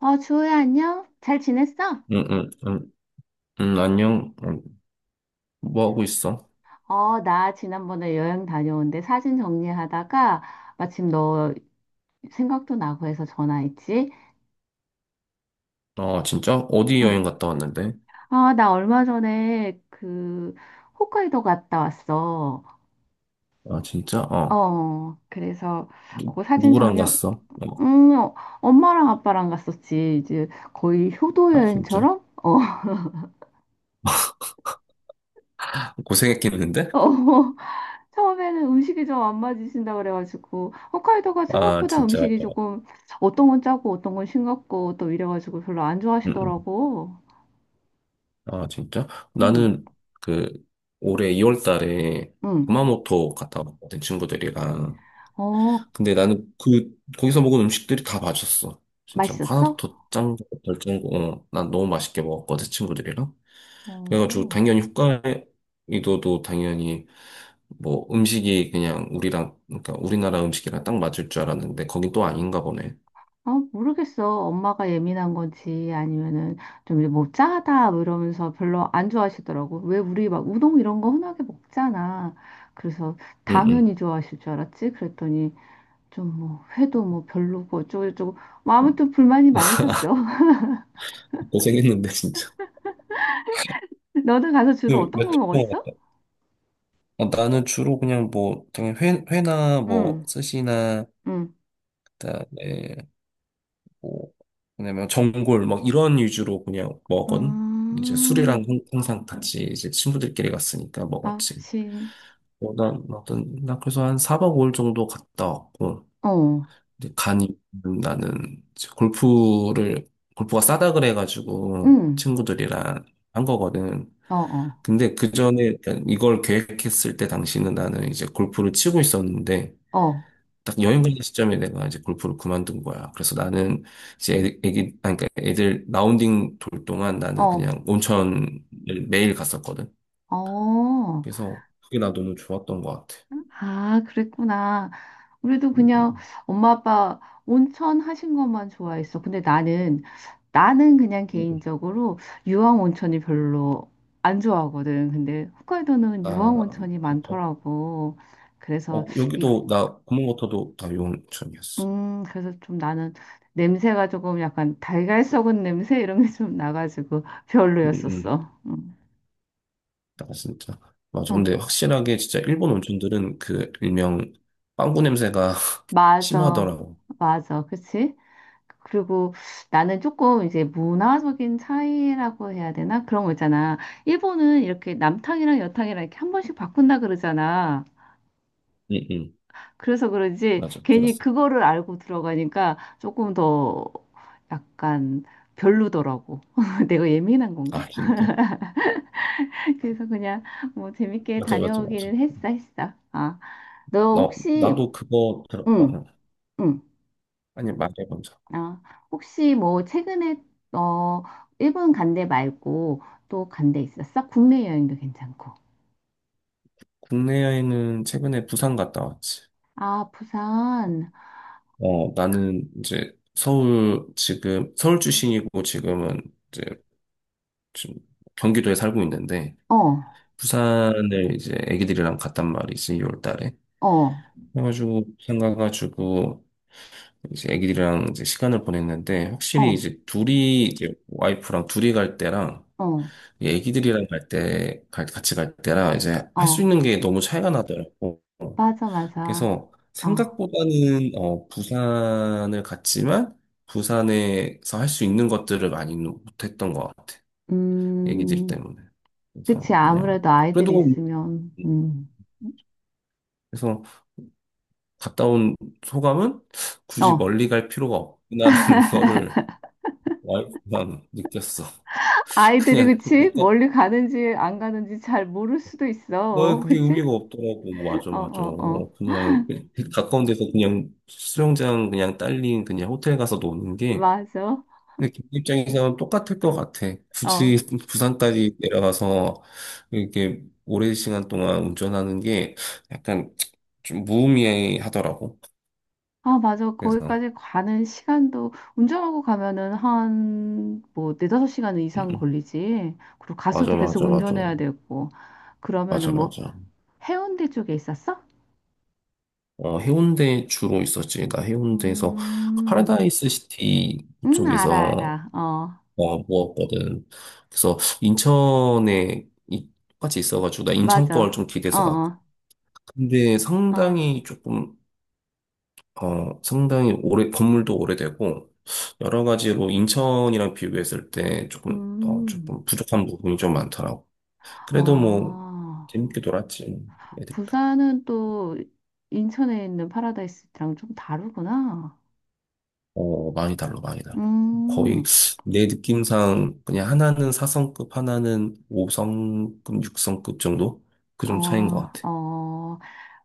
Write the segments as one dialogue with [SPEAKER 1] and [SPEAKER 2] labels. [SPEAKER 1] 어, 주호야, 안녕? 잘 지냈어?
[SPEAKER 2] 응, 응, 응, 응, 안녕. 응, 뭐 하고 있어?
[SPEAKER 1] 어, 나 지난번에 여행 다녀온데 사진 정리하다가 마침 너 생각도 나고 해서 전화했지?
[SPEAKER 2] 아, 진짜? 어디
[SPEAKER 1] 응.
[SPEAKER 2] 여행 갔다 왔는데?
[SPEAKER 1] 아, 나 얼마 전에 그 홋카이도 갔다 왔어.
[SPEAKER 2] 아, 진짜. 어.
[SPEAKER 1] 어, 그래서
[SPEAKER 2] 누,
[SPEAKER 1] 그 사진
[SPEAKER 2] 누구랑
[SPEAKER 1] 정리,
[SPEAKER 2] 갔어? 어.
[SPEAKER 1] 응, 어, 엄마랑 아빠랑 갔었지. 이제 거의 효도
[SPEAKER 2] 아, 진짜?
[SPEAKER 1] 여행처럼? 어,
[SPEAKER 2] 고생했겠는데?
[SPEAKER 1] 어. 처음에는 음식이 좀 안 맞으신다 그래가지고 홋카이도가
[SPEAKER 2] 아,
[SPEAKER 1] 생각보다
[SPEAKER 2] 진짜.
[SPEAKER 1] 음식이
[SPEAKER 2] 어.
[SPEAKER 1] 조금 어떤 건 짜고 어떤 건 싱겁고 또 이래가지고 별로 안
[SPEAKER 2] 응, 응.
[SPEAKER 1] 좋아하시더라고.
[SPEAKER 2] 아, 진짜?
[SPEAKER 1] 응,
[SPEAKER 2] 나는 그 올해 2월 달에
[SPEAKER 1] 응.
[SPEAKER 2] 구마모토 갔다 왔거든, 친구들이랑.
[SPEAKER 1] 어,
[SPEAKER 2] 근데 나는 그, 거기서 먹은 음식들이 다 맛있었어. 진짜 뭐
[SPEAKER 1] 맛있었어?
[SPEAKER 2] 하나도 더 짠, 거, 덜 짠, 거, 어, 난 너무 맛있게 먹었거든, 친구들이랑. 그래가지고
[SPEAKER 1] 어,
[SPEAKER 2] 당연히 홋카이도도 당연히 뭐 음식이 그냥 우리랑, 그러니까 우리나라 음식이랑 딱 맞을 줄 알았는데 거긴 또 아닌가 보네.
[SPEAKER 1] 아, 모르겠어. 엄마가 예민한 건지 아니면은 좀 뭐 짜다 뭐 이러면서 별로 안 좋아하시더라고. 왜 우리 막 우동 이런 거 흔하게 먹잖아. 그래서
[SPEAKER 2] 응응.
[SPEAKER 1] 당연히 좋아하실 줄 알았지. 그랬더니 좀 뭐 회도 뭐 별로고 어쩌고저쩌고 뭐 아무튼 불만이 많으셨어.
[SPEAKER 2] 고생했는데 진짜.
[SPEAKER 1] 너는 가서 주로
[SPEAKER 2] 그
[SPEAKER 1] 어떤 거
[SPEAKER 2] 며칠 동안
[SPEAKER 1] 먹었어?
[SPEAKER 2] 갔다. 아, 나는 주로 그냥 뭐 당연히 회, 회나 뭐
[SPEAKER 1] 응,
[SPEAKER 2] 스시나
[SPEAKER 1] 응.
[SPEAKER 2] 그다음에 뭐, 왜냐면 전골 막 이런 위주로 그냥 먹은. 이제
[SPEAKER 1] 음,
[SPEAKER 2] 술이랑 항상 같이 이제 친구들끼리 갔으니까
[SPEAKER 1] 아,
[SPEAKER 2] 먹었지.
[SPEAKER 1] 그치.
[SPEAKER 2] 어, 나 그래서 한 4박 5일 정도 갔다 왔고,
[SPEAKER 1] 어,
[SPEAKER 2] 근데 간이, 나는 이제 골프를, 골프가 싸다 그래가지고
[SPEAKER 1] 응.
[SPEAKER 2] 친구들이랑 한 거거든.
[SPEAKER 1] 어, 어,
[SPEAKER 2] 근데 그 전에 이걸 계획했을 때 당시는 나는 이제 골프를 치고 있었는데
[SPEAKER 1] 어,
[SPEAKER 2] 딱 여행 가는 시점에 내가 이제 골프를 그만둔 거야. 그래서 나는 이제 애- 애기 아니 그러니까 애들 라운딩 돌 동안 나는
[SPEAKER 1] 어,
[SPEAKER 2] 그냥 온천을 매일 갔었거든.
[SPEAKER 1] 어.
[SPEAKER 2] 그래서 그게 나 너무 좋았던 것 같아.
[SPEAKER 1] 아, 그랬구나. 우리도
[SPEAKER 2] 음,
[SPEAKER 1] 그냥
[SPEAKER 2] 음,
[SPEAKER 1] 엄마 아빠 온천 하신 것만 좋아했어. 근데 나는, 나는 그냥
[SPEAKER 2] 음. 음, 음.
[SPEAKER 1] 개인적으로 유황 온천이 별로 안 좋아하거든. 근데 홋카이도는
[SPEAKER 2] 아,
[SPEAKER 1] 유황 온천이
[SPEAKER 2] 진짜.
[SPEAKER 1] 많더라고. 그래서
[SPEAKER 2] 어,
[SPEAKER 1] 이,
[SPEAKER 2] 여기도 나 구멍모터도 다 요온천이었어.
[SPEAKER 1] 그래서 좀 나는 냄새가 조금 약간 달걀 썩은 냄새 이런 게 좀 나가지고
[SPEAKER 2] 음, 음.
[SPEAKER 1] 별로였었어. 음.
[SPEAKER 2] 나 진짜 맞아. 근데
[SPEAKER 1] 어,
[SPEAKER 2] 확실하게 진짜 일본 온천들은 그 일명 빵구 냄새가
[SPEAKER 1] 맞아.
[SPEAKER 2] 심하더라고.
[SPEAKER 1] 맞아. 그치? 그리고 나는 조금 이제 문화적인 차이라고 해야 되나? 그런 거 있잖아. 일본은 이렇게 남탕이랑 여탕이랑 이렇게 한 번씩 바꾼다 그러잖아.
[SPEAKER 2] 응, 응.
[SPEAKER 1] 그래서 그런지
[SPEAKER 2] 맞아.
[SPEAKER 1] 괜히
[SPEAKER 2] 들었어.
[SPEAKER 1] 그거를 알고 들어가니까 조금 더 약간 별로더라고. 내가 예민한 건가?
[SPEAKER 2] 아, 진짜?
[SPEAKER 1] 그래서 그냥 뭐 재밌게
[SPEAKER 2] 맞아, 맞아, 맞아.
[SPEAKER 1] 다녀오기는 했어. 아, 너
[SPEAKER 2] 나,
[SPEAKER 1] 혹시,
[SPEAKER 2] 나도 그거 들었다.
[SPEAKER 1] 응,
[SPEAKER 2] 응.
[SPEAKER 1] 응,
[SPEAKER 2] 아니, 말해 먼저.
[SPEAKER 1] 아, 혹시 뭐 최근에, 어, 일본 간데 말고 또 간데 있었어? 국내 여행도 괜찮고.
[SPEAKER 2] 국내에는 최근에 부산 갔다 왔지.
[SPEAKER 1] 아, 부산,
[SPEAKER 2] 어, 나는 이제 서울, 지금 서울 출신이고 지금은 이제 지금 경기도에 살고 있는데
[SPEAKER 1] 어,
[SPEAKER 2] 부산을 이제 애기들이랑 갔단 말이지, 2월 달에.
[SPEAKER 1] 어,
[SPEAKER 2] 그래가지고, 부산 가가지고, 이제 애기들이랑 이제 시간을 보냈는데, 확실히
[SPEAKER 1] 어,
[SPEAKER 2] 이제 둘이, 이제 와이프랑 둘이 갈 때랑,
[SPEAKER 1] 어,
[SPEAKER 2] 이 애기들이랑 갈 때, 같이 갈 때랑, 이제 할 수 있는
[SPEAKER 1] 어,
[SPEAKER 2] 게 너무 차이가 나더라고.
[SPEAKER 1] 맞아, 맞아.
[SPEAKER 2] 그래서,
[SPEAKER 1] 어,
[SPEAKER 2] 생각보다는, 어, 부산을 갔지만, 부산에서 할 수 있는 것들을 많이 못했던 것 같아. 애기들
[SPEAKER 1] 음,
[SPEAKER 2] 때문에.
[SPEAKER 1] 그치.
[SPEAKER 2] 그래서, 그냥,
[SPEAKER 1] 아무래도 아이들이
[SPEAKER 2] 그래도, 뭐,
[SPEAKER 1] 있으면,
[SPEAKER 2] 그래서 갔다 온 소감은 굳이
[SPEAKER 1] 어.
[SPEAKER 2] 멀리 갈 필요가 없구나라는 거를 와이프랑 느꼈어.
[SPEAKER 1] 아이들이
[SPEAKER 2] 그냥
[SPEAKER 1] 그치?
[SPEAKER 2] 가
[SPEAKER 1] 멀리 가는지 안 가는지 잘 모를 수도
[SPEAKER 2] 뭐
[SPEAKER 1] 있어.
[SPEAKER 2] 그게
[SPEAKER 1] 그치?
[SPEAKER 2] 의미가 없더라고. 뭐 맞아,
[SPEAKER 1] 어,
[SPEAKER 2] 맞아.
[SPEAKER 1] 어, 어.
[SPEAKER 2] 그냥 그, 그 가까운 데서 그냥 수영장 그냥 딸린 그냥 호텔 가서 노는 게,
[SPEAKER 1] 맞아.
[SPEAKER 2] 근데 걔 입장에서는 똑같을 것 같아.
[SPEAKER 1] 어.
[SPEAKER 2] 굳이 부산까지 내려가서 이렇게 오랜 시간 동안 운전하는 게 약간 좀 무의미하더라고.
[SPEAKER 1] 아, 맞아.
[SPEAKER 2] 그래서
[SPEAKER 1] 거기까지 가는 시간도 운전하고 가면은 한 뭐 4~5시간
[SPEAKER 2] 음,
[SPEAKER 1] 이상
[SPEAKER 2] 음.
[SPEAKER 1] 걸리지. 그리고
[SPEAKER 2] 맞아,
[SPEAKER 1] 가서도 계속
[SPEAKER 2] 맞아, 맞아,
[SPEAKER 1] 운전해야 되고. 그러면은
[SPEAKER 2] 맞아,
[SPEAKER 1] 뭐
[SPEAKER 2] 맞아.
[SPEAKER 1] 해운대 쪽에 있었어?
[SPEAKER 2] 어, 해운대 주로 있었지. 나 해운대에서 그
[SPEAKER 1] 음.
[SPEAKER 2] 파라다이스 시티
[SPEAKER 1] 알아,
[SPEAKER 2] 쪽에서
[SPEAKER 1] 알아. 어.
[SPEAKER 2] 어, 모았거든. 그래서 인천에 똑같이 있어가지고 나 인천 걸
[SPEAKER 1] 맞아.
[SPEAKER 2] 좀
[SPEAKER 1] 어,
[SPEAKER 2] 기대서 갔고.
[SPEAKER 1] 어.
[SPEAKER 2] 근데
[SPEAKER 1] 어.
[SPEAKER 2] 상당히 조금 어, 상당히 오래, 건물도 오래되고 여러 가지로 인천이랑 비교했을 때 조금 어,
[SPEAKER 1] 음.
[SPEAKER 2] 조금 부족한 부분이 좀 많더라고. 그래도 뭐
[SPEAKER 1] 아.
[SPEAKER 2] 재밌게 놀았지. 애들.
[SPEAKER 1] 부산은 또 인천에 있는 파라다이스랑 좀 다르구나.
[SPEAKER 2] 어, 많이 달라, 많이 달라. 거의
[SPEAKER 1] 음.
[SPEAKER 2] 내 느낌상 그냥 하나는 4성급, 하나는 5성급, 6성급 정도? 그 정도 차이인 것
[SPEAKER 1] 어,
[SPEAKER 2] 같아.
[SPEAKER 1] 어,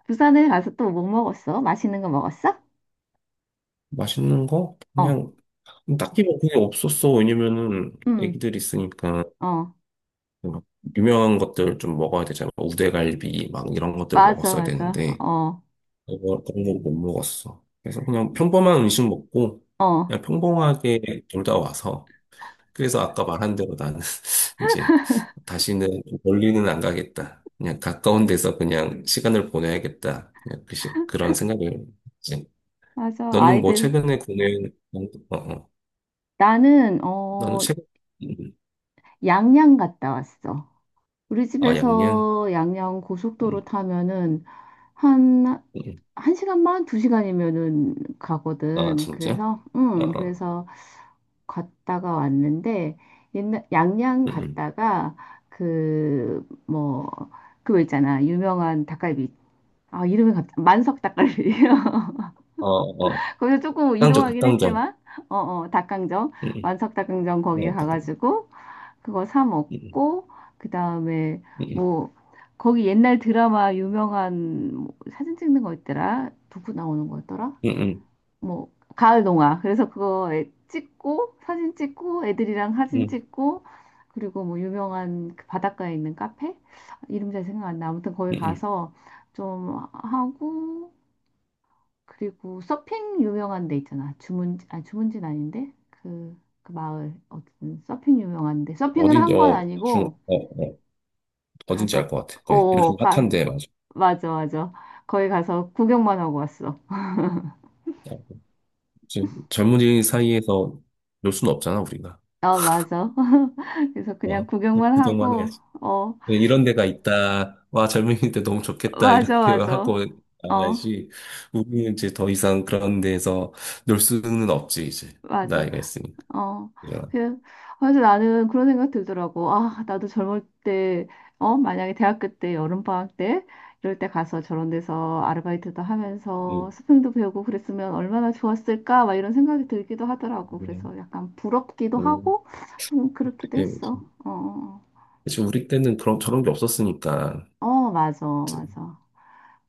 [SPEAKER 1] 부산에 가서 또 뭐 먹었어? 맛있는 거 먹었어?
[SPEAKER 2] 맛있는 거?
[SPEAKER 1] 어,
[SPEAKER 2] 그냥 딱히 뭐 그게 없었어. 왜냐면은
[SPEAKER 1] 음,
[SPEAKER 2] 애기들 있으니까
[SPEAKER 1] 어,
[SPEAKER 2] 막 유명한 것들 좀 먹어야 되잖아. 우대갈비 막 이런 것들
[SPEAKER 1] 맞아,
[SPEAKER 2] 먹었어야
[SPEAKER 1] 맞아,
[SPEAKER 2] 되는데
[SPEAKER 1] 어,
[SPEAKER 2] 그런 거 못 먹었어. 그래서 그냥 평범한 음식 먹고
[SPEAKER 1] 어,
[SPEAKER 2] 그냥 평범하게 놀다 와서 그래서 아까 말한 대로 나는 이제 다시는 멀리는 안 가겠다. 그냥 가까운 데서 그냥 시간을 보내야겠다. 그냥 그런 생각을 했지?
[SPEAKER 1] 맞아,
[SPEAKER 2] 너는 뭐
[SPEAKER 1] 아이들.
[SPEAKER 2] 최근에 국내, 어, 어.
[SPEAKER 1] 나는,
[SPEAKER 2] 너는
[SPEAKER 1] 어,
[SPEAKER 2] 최근, 음.
[SPEAKER 1] 양양 갔다 왔어. 우리
[SPEAKER 2] 아, 양양,
[SPEAKER 1] 집에서 양양
[SPEAKER 2] 음,
[SPEAKER 1] 고속도로 타면은 한,
[SPEAKER 2] 음.
[SPEAKER 1] 한 시간만, 2시간이면은
[SPEAKER 2] 아,
[SPEAKER 1] 가거든.
[SPEAKER 2] 진짜.
[SPEAKER 1] 그래서,
[SPEAKER 2] 어, 어.
[SPEAKER 1] 그래서 갔다가 왔는데 옛날 양양
[SPEAKER 2] 음, 음.
[SPEAKER 1] 갔다가 그 뭐 그거 있잖아 유명한 닭갈비 아 이름이 갑자기 만석 닭갈비예요.
[SPEAKER 2] 어, 어.
[SPEAKER 1] 거기서 조금
[SPEAKER 2] 닭강정,
[SPEAKER 1] 이동하긴
[SPEAKER 2] 닭강정.
[SPEAKER 1] 했지만 어어 닭강정
[SPEAKER 2] 음,
[SPEAKER 1] 만석 닭강정 거기
[SPEAKER 2] 어, 닭강정.
[SPEAKER 1] 가가지고 그거 사
[SPEAKER 2] 음,
[SPEAKER 1] 먹고 그 다음에
[SPEAKER 2] 음.
[SPEAKER 1] 뭐 거기 옛날 드라마 유명한 뭐 사진 찍는 거 있더라 누구 나오는 거였더라
[SPEAKER 2] 음, 음.
[SPEAKER 1] 뭐 가을 동화. 그래서 그거 찍고 사진 찍고 애들이랑
[SPEAKER 2] 음,
[SPEAKER 1] 사진
[SPEAKER 2] 음,
[SPEAKER 1] 찍고 그리고 뭐 유명한 그 바닷가에 있는 카페 이름 잘 생각 안 나. 아무튼 거기
[SPEAKER 2] 음.
[SPEAKER 1] 가서 좀 하고 그리고 서핑 유명한 데 있잖아. 주문지 아니 주문지는 아닌데 그, 그 마을 어쨌든 서핑 유명한데 서핑은
[SPEAKER 2] 어딘지
[SPEAKER 1] 한 건
[SPEAKER 2] 어, 중,
[SPEAKER 1] 아니고
[SPEAKER 2] 어, 어. 어딘지 알
[SPEAKER 1] 가서
[SPEAKER 2] 것 같아.
[SPEAKER 1] 어,
[SPEAKER 2] 거기 요즘
[SPEAKER 1] 어, 가
[SPEAKER 2] 핫한데, 맞아.
[SPEAKER 1] 맞아 맞아. 거기 가서 구경만 하고 왔어.
[SPEAKER 2] 이제 젊은이 사이에서 놀 수는 없잖아, 우리가.
[SPEAKER 1] 아 맞아. 그래서
[SPEAKER 2] 어,
[SPEAKER 1] 그냥 구경만
[SPEAKER 2] 구경만
[SPEAKER 1] 하고
[SPEAKER 2] 해야지.
[SPEAKER 1] 어.
[SPEAKER 2] 네, 이런 데가 있다. 와, 젊은이들 너무 좋겠다.
[SPEAKER 1] 맞아,
[SPEAKER 2] 이렇게
[SPEAKER 1] 맞아.
[SPEAKER 2] 하고
[SPEAKER 1] 어,
[SPEAKER 2] 나가야지. 우리는 이제 더 이상 그런 데에서 놀 수는 없지, 이제.
[SPEAKER 1] 맞아.
[SPEAKER 2] 나이가 있으니까.
[SPEAKER 1] 어.
[SPEAKER 2] 그냥,
[SPEAKER 1] 그, 그래서 나는 그런 생각 들더라고. 아, 나도 젊을 때, 어, 만약에 대학교 때, 여름방학 때, 이럴 때 가서 저런 데서 아르바이트도 하면서
[SPEAKER 2] 음,
[SPEAKER 1] 스승도 배우고 그랬으면 얼마나 좋았을까? 막 이런 생각이 들기도 하더라고.
[SPEAKER 2] 음,
[SPEAKER 1] 그래서 약간 부럽기도
[SPEAKER 2] 음,
[SPEAKER 1] 하고, 좀 그렇기도
[SPEAKER 2] 그게 뭐지.
[SPEAKER 1] 했어. 어,
[SPEAKER 2] 사실 우리 때는 그런, 저런 게 없었으니까.
[SPEAKER 1] 어, 맞아,
[SPEAKER 2] 이제
[SPEAKER 1] 맞아.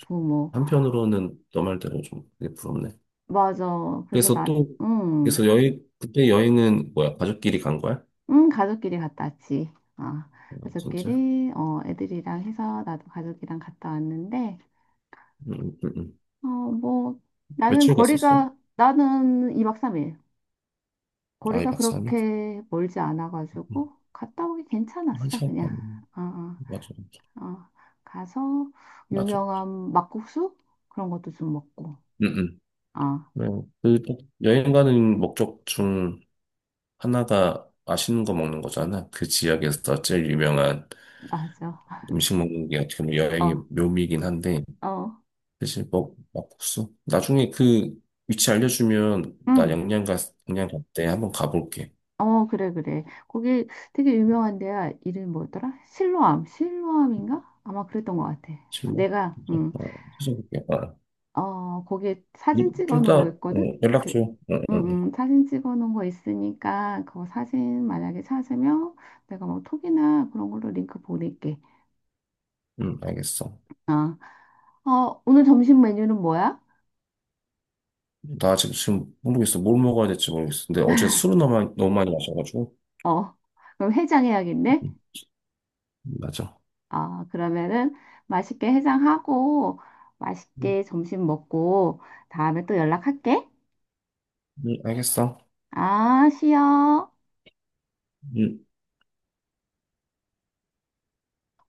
[SPEAKER 1] 부모.
[SPEAKER 2] 한편으로는 너 말대로 좀 그게 부럽네.
[SPEAKER 1] 맞아. 그래서
[SPEAKER 2] 그래서
[SPEAKER 1] 나,
[SPEAKER 2] 또, 그래서 여행, 그때 여행은 뭐야? 가족끼리 간 거야?
[SPEAKER 1] 응, 가족끼리 갔다 왔지. 어,
[SPEAKER 2] 어, 진짜?
[SPEAKER 1] 가족끼리, 어, 애들이랑 해서 나도 가족이랑 갔다 왔는데,
[SPEAKER 2] 음, 음, 음.
[SPEAKER 1] 어, 뭐, 나는
[SPEAKER 2] 며칠 갔었어?
[SPEAKER 1] 거리가, 나는 2박 3일.
[SPEAKER 2] 아, 이
[SPEAKER 1] 거리가
[SPEAKER 2] 박 3일?
[SPEAKER 1] 그렇게 멀지 않아가지고, 갔다 오기
[SPEAKER 2] 한
[SPEAKER 1] 괜찮았어,
[SPEAKER 2] 시간 반.
[SPEAKER 1] 그냥. 어,
[SPEAKER 2] 맞아,
[SPEAKER 1] 어, 어. 가서,
[SPEAKER 2] 맞아.
[SPEAKER 1] 유명한 막국수? 그런 것도 좀 먹고.
[SPEAKER 2] 응, 응.
[SPEAKER 1] 어,
[SPEAKER 2] 네, 그 여행 가는 목적 중 하나가 맛있는 거 먹는 거잖아. 그 지역에서 제일 유명한
[SPEAKER 1] 맞아.
[SPEAKER 2] 음식 먹는 게 어떻게 보면 여행의
[SPEAKER 1] 어,
[SPEAKER 2] 묘미이긴 한데,
[SPEAKER 1] 어.
[SPEAKER 2] 사실 뭐, 막국수. 나중에 그 위치 알려주면 나
[SPEAKER 1] 응.
[SPEAKER 2] 영양 가, 영양 갈때 한번 가볼게.
[SPEAKER 1] 어, 그래, 그래. 거기 되게 유명한 데야. 이름이 뭐였더라? 실로암. 실로암인가? 아마 그랬던 것 같아. 아,
[SPEAKER 2] 실례.
[SPEAKER 1] 내가,
[SPEAKER 2] 어, 찾아볼게. 어.
[SPEAKER 1] 어, 거기에 사진
[SPEAKER 2] 좀
[SPEAKER 1] 찍어 놓은
[SPEAKER 2] 이따
[SPEAKER 1] 거
[SPEAKER 2] 어,
[SPEAKER 1] 있거든?
[SPEAKER 2] 연락
[SPEAKER 1] 그,
[SPEAKER 2] 줘. 응, 응, 응,
[SPEAKER 1] 사진 찍어 놓은 거 있으니까, 그거 사진 만약에 찾으면 내가 뭐 톡이나 그런 걸로 링크 보낼게.
[SPEAKER 2] 응, 알겠어.
[SPEAKER 1] 아, 어, 오늘 점심 메뉴는 뭐야?
[SPEAKER 2] 나 아직 지금 모르겠어. 뭘 먹어야 될지 모르겠어. 근데 어제 술을 너무 많이, 너무 많이 마셔가지고.
[SPEAKER 1] 어, 그럼 해장해야겠네?
[SPEAKER 2] 음, 맞아.
[SPEAKER 1] 아, 그러면은 맛있게 해장하고,
[SPEAKER 2] 음,
[SPEAKER 1] 맛있게 점심 먹고, 다음에 또 연락할게.
[SPEAKER 2] 알겠어.
[SPEAKER 1] 아, 쉬어.
[SPEAKER 2] 음.